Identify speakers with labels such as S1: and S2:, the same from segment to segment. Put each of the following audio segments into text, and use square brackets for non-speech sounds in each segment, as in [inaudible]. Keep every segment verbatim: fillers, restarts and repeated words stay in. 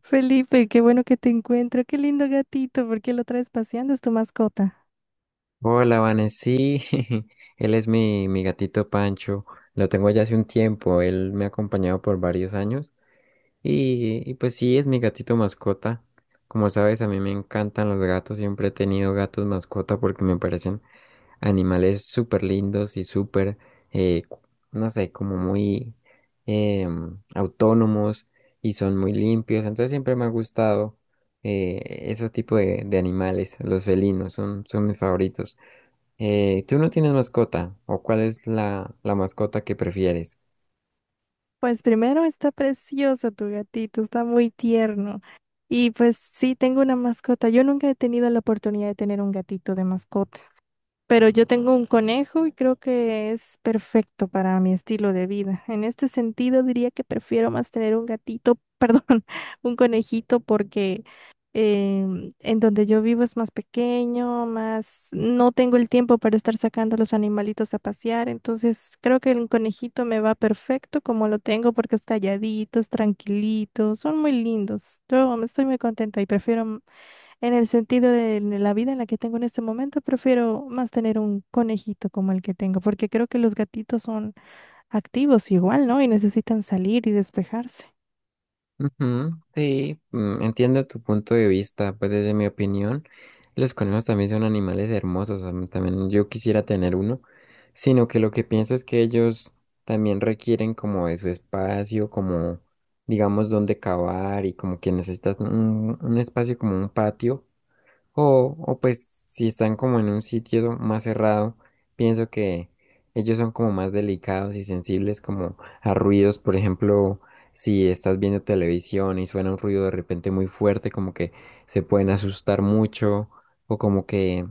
S1: Felipe, qué bueno que te encuentro. Qué lindo gatito. ¿Por qué lo traes paseando? ¿Es tu mascota?
S2: Hola, Vanesí. [laughs] Él es mi, mi gatito Pancho. Lo tengo ya hace un tiempo. Él me ha acompañado por varios años. Y, y pues sí, es mi gatito mascota. Como sabes, a mí me encantan los gatos. Siempre he tenido gatos mascota porque me parecen animales súper lindos y súper, eh, no sé, como muy em, autónomos y son muy limpios. Entonces siempre me ha gustado eh, ese tipo de, de animales. Los felinos son, son mis favoritos. Eh, ¿tú no tienes mascota? ¿O cuál es la, la mascota que prefieres?
S1: Pues primero está precioso tu gatito, está muy tierno. Y pues sí, tengo una mascota. Yo nunca he tenido la oportunidad de tener un gatito de mascota. Pero yo tengo un conejo y creo que es perfecto para mi estilo de vida. En este sentido, diría que prefiero más tener un gatito, [laughs] perdón, un conejito, porque em, en donde yo vivo es más pequeño, más no tengo el tiempo para estar sacando a los animalitos a pasear. Entonces, creo que el conejito me va perfecto como lo tengo, porque es calladito, es tranquilito, son muy lindos. Yo estoy muy contenta y prefiero, en el sentido de la vida en la que tengo en este momento, prefiero más tener un conejito como el que tengo, porque creo que los gatitos son activos igual, ¿no? Y necesitan salir y despejarse.
S2: Ujú, sí, mm, entiendo tu punto de vista, pues desde mi opinión, los conejos también son animales hermosos, am- también yo quisiera tener uno, sino que lo que pienso es que ellos también requieren como de su espacio, como digamos donde cavar y como que necesitas un, un espacio como un patio. O, o pues si están como en un sitio más cerrado, pienso que ellos son como más delicados y sensibles como a ruidos, por ejemplo, si estás viendo televisión y suena un ruido de repente muy fuerte, como que se pueden asustar mucho o como que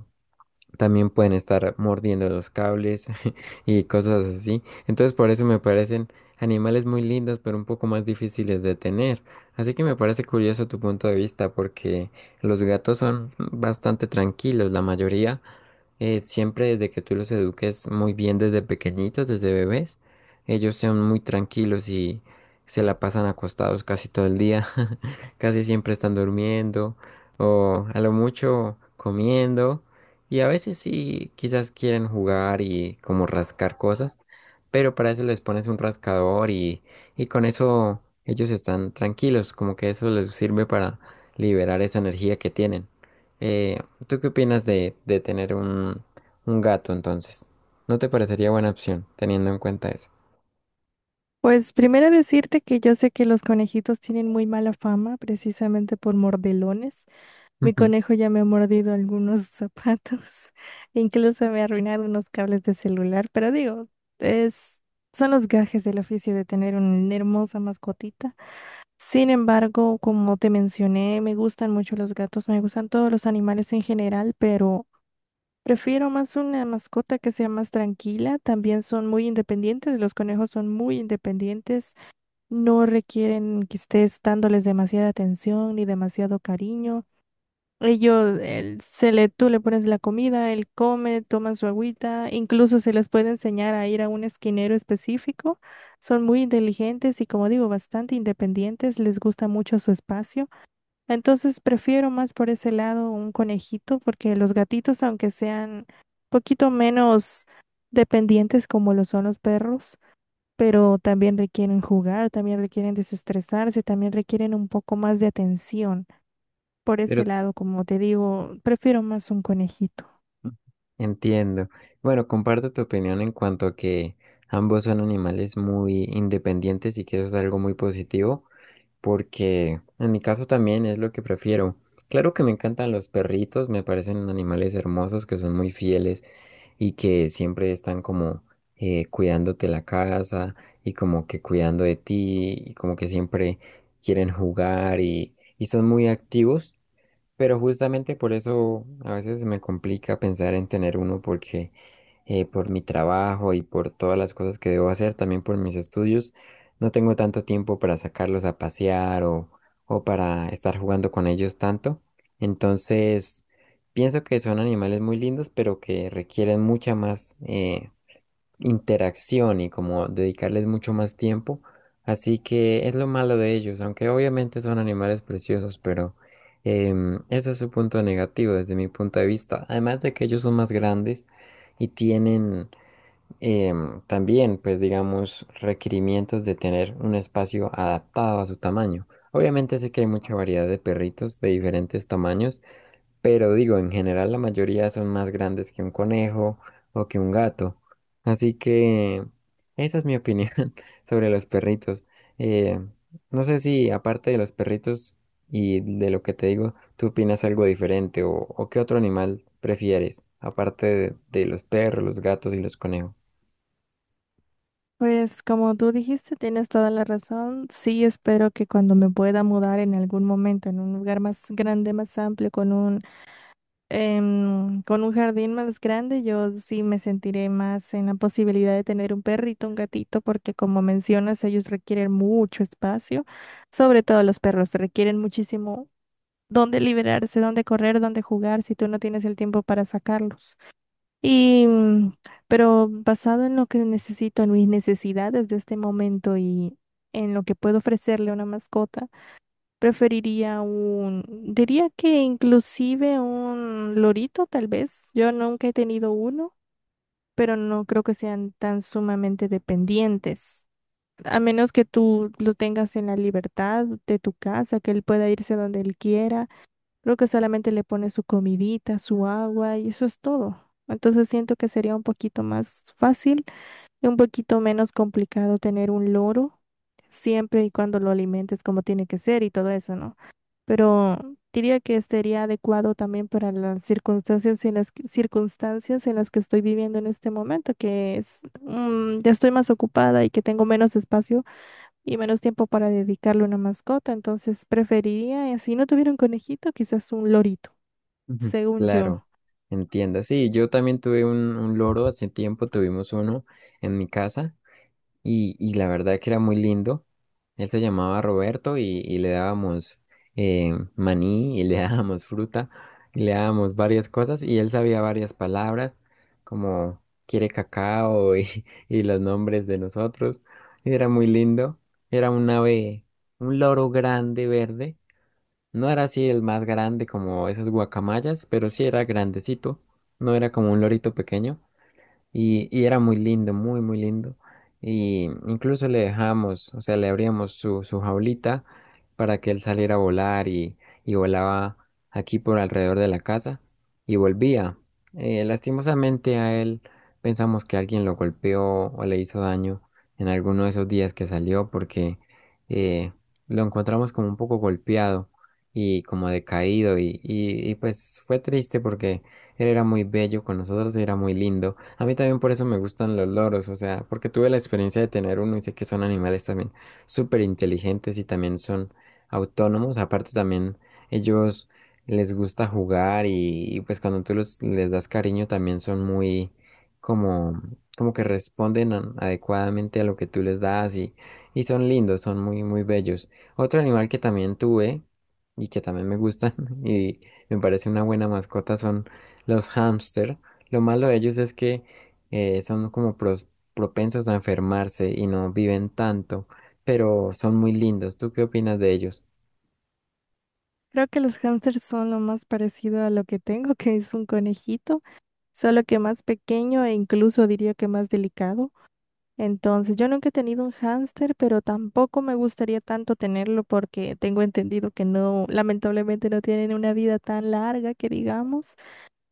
S2: también pueden estar mordiendo los cables [laughs] y cosas así. Entonces por eso me parecen animales muy lindos, pero un poco más difíciles de tener. Así que me parece curioso tu punto de vista, porque los gatos son bastante tranquilos, la mayoría, eh, siempre desde que tú los eduques muy bien desde pequeñitos, desde bebés, ellos son muy tranquilos y se la pasan acostados casi todo el día, [laughs] casi siempre están durmiendo o a lo mucho comiendo y a veces sí quizás quieren jugar y como rascar cosas, pero para eso les pones un rascador y, y con eso ellos están tranquilos, como que eso les sirve para liberar esa energía que tienen. Eh, pues, ¿tú qué opinas de, de tener un, un gato entonces? ¿No te parecería buena opción teniendo en cuenta eso?
S1: Pues primero decirte que yo sé que los conejitos tienen muy mala fama precisamente por mordelones. Mi
S2: Ujú.
S1: conejo ya me ha mordido algunos zapatos, [laughs] incluso me ha arruinado unos cables de celular, pero digo, es, son los gajes del oficio de tener una hermosa mascotita. Sin embargo, como te mencioné, me gustan mucho los gatos, me gustan todos los animales en general, pero prefiero más una mascota que sea más tranquila. También son muy independientes, los conejos son muy independientes, no requieren que estés dándoles demasiada atención ni demasiado cariño. Ellos, el- se le, tú le pones la comida, él come, toma su agüita, incluso se les puede enseñar a ir a un esquinero específico. Son muy inteligentes y, como digo, bastante independientes, les gusta mucho su espacio. Entonces, prefiero más por ese lado un conejito, porque los gatitos, aunque sean poquito menos dependientes como lo son los perros, pero también requieren jugar, también requieren desestresarse, también requieren un poco más de atención. Por ese
S2: Pero
S1: lado, como te digo, prefiero más un conejito.
S2: entiendo. Bueno, comparto tu opinión en cuanto a que ambos son animales muy independientes y que eso es algo muy positivo, porque en mi caso también es lo que prefiero. Claro que me encantan los perritos, me parecen animales hermosos que son muy fieles y que siempre están como eh, cuidándote la casa y como que cuidando de ti y como que siempre quieren jugar y, y son muy activos. Pero justamente por eso a veces me complica pensar en tener uno porque eh, por mi trabajo y por todas las cosas que debo hacer, también por mis estudios, no tengo tanto tiempo para sacarlos a pasear o, o para estar jugando con ellos tanto. Entonces, pienso que son animales muy lindos, pero que requieren mucha más, eh, interacción y como dedicarles mucho más tiempo. Así que es lo malo de ellos, aunque obviamente son animales preciosos, pero em, eso es su punto negativo desde mi punto de vista. Además de que ellos son más grandes y tienen em, también, pues digamos, requerimientos de tener un espacio adaptado a su tamaño. Obviamente sé que hay mucha variedad de perritos de diferentes tamaños. Pero digo, en general la mayoría son más grandes que un conejo o que un gato. Así que esa es mi opinión [laughs] sobre los perritos. Eh, no sé si aparte de los perritos y de lo que te digo, tú opinas algo diferente o, o qué otro animal prefieres, aparte de, de los perros, los gatos y los conejos.
S1: Pues como tú dijiste, tienes toda la razón. Sí, espero que cuando me pueda mudar en algún momento en un lugar más grande, más amplio, con un, em, con un jardín más grande, yo sí me sentiré más en la posibilidad de tener un perrito, un gatito, porque como mencionas, ellos requieren mucho espacio. Sobre todo los perros requieren muchísimo dónde liberarse, dónde correr, dónde jugar, si tú no tienes el tiempo para sacarlos. Y, mm, pero basado en lo que necesito, en mis necesidades de este momento y en lo que puedo ofrecerle a una mascota, preferiría un, diría que inclusive un lorito, tal vez. Yo nunca he tenido uno, pero no creo que sean tan sumamente dependientes. A menos que tú lo tengas en la libertad de tu casa, que él pueda irse donde él quiera. Creo que solamente le pone su comidita, su agua y eso es todo. Entonces siento que sería un poquito más fácil y un poquito menos complicado tener un loro, siempre y cuando lo alimentes como tiene que ser y todo eso, ¿no? Pero diría que sería adecuado también para las circunstancias en las que- circunstancias en las que estoy viviendo en este momento, que es, mm, ya estoy más ocupada y que tengo menos espacio y menos tiempo para dedicarle a una mascota, entonces preferiría, eh, si no tuviera un conejito, quizás un lorito,
S2: Ujú.
S1: según yo.
S2: Claro, entiendo. Sí, yo también tuve un, un loro, hace tiempo tuvimos uno en mi casa. y, y la verdad que era muy lindo. Él se llamaba Roberto y, y le dábamos eh, maní y le [laughs] dábamos fruta y le dábamos varias cosas y él sabía varias palabras como quiere cacao y, [laughs] y los nombres de nosotros. Y era muy lindo. Era un ave, un loro grande verde. No era así el más grande como esos guacamayas, pero sí era grandecito. No era como un lorito pequeño. Y, y era muy lindo, muy, muy lindo. Y incluso le dejamos, o sea, le abríamos su, su jaulita para que él saliera a volar y, y volaba aquí por alrededor de la casa y volvía. Eh, lastimosamente a él pensamos que alguien lo golpeó o le hizo daño en alguno de esos días que salió porque eh, lo encontramos como un poco golpeado y como decaído y, y, y pues fue triste porque él era muy bello con nosotros, era muy lindo. A mí también por eso me gustan los loros, o sea, porque tuve la experiencia de tener uno y sé que son animales también súper inteligentes y también son autónomos. Aparte también ellos les gusta jugar y, y, pues cuando tú los, les das cariño también son muy como, como que responden a- adecuadamente a lo que tú les das y, y son lindos, son muy, muy bellos. Otro animal que también tuve y que también me gustan [laughs] y me parece una buena mascota son los hámster. Lo malo de ellos es que eh, son como pros- propensos a enfermarse y no viven tanto, pero son muy lindos. ¿Tú qué opinas de ellos?
S1: Creo que los hámsters son lo más parecido a lo que tengo, [laughs] que es un conejito, solo que más pequeño e incluso diría que más delicado. Entonces, yo nunca he tenido un hámster, pero tampoco me gustaría tanto tenerlo porque tengo entendido que no, lamentablemente no tienen una vida tan larga que digamos.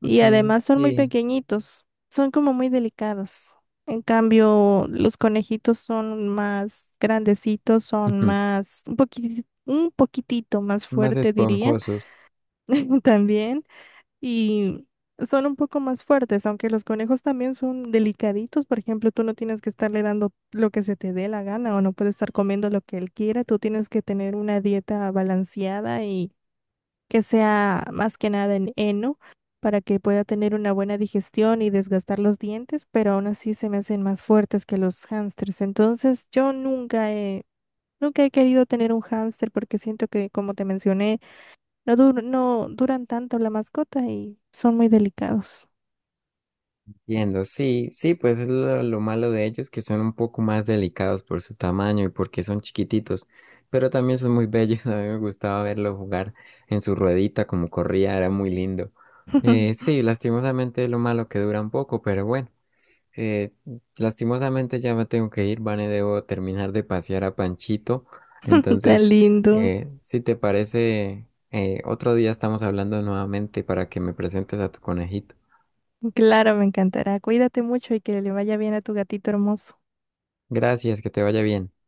S1: Y
S2: Ujú,
S1: además son muy
S2: sí,
S1: pequeñitos, son como muy delicados. En cambio, los conejitos son más grandecitos, son
S2: ujú,
S1: más, un poquitito, un poquitito más
S2: más
S1: fuerte, diría,
S2: esponjosos.
S1: [laughs] también. Y son un poco más fuertes, aunque los conejos también son delicaditos. Por ejemplo, tú no tienes que estarle dando lo que se te dé la gana o no puedes estar comiendo lo que él quiera. Tú tienes que tener una dieta balanceada que sea más que nada en heno para que pueda tener una buena digestión y desgastar los dientes, pero aún así se me hacen más fuertes que los hámsters. Entonces, yo nunca he, nunca he querido tener un hámster porque siento que, como te mencioné, no dur- no duran tanto la mascota y son muy delicados.
S2: Entiendo, sí, sí, pues es lo, lo malo de ellos, que son un poco más delicados por su tamaño y porque son chiquititos, pero también son muy bellos. [laughs] A mí me gustaba verlo jugar en su ruedita, como corría, era muy lindo. Eh,
S1: [laughs]
S2: sí, lastimosamente lo malo que dura un poco, pero bueno. Eh, lastimosamente ya me tengo que ir, Vane, debo terminar de pasear a Panchito.
S1: Tan
S2: Entonces,
S1: lindo.
S2: eh, si te parece, eh, otro día estamos hablando nuevamente para que me presentes a tu conejito.
S1: Claro, me encantará. Cuídate mucho y que le vaya bien a tu gatito hermoso.
S2: Gracias, que te vaya bien.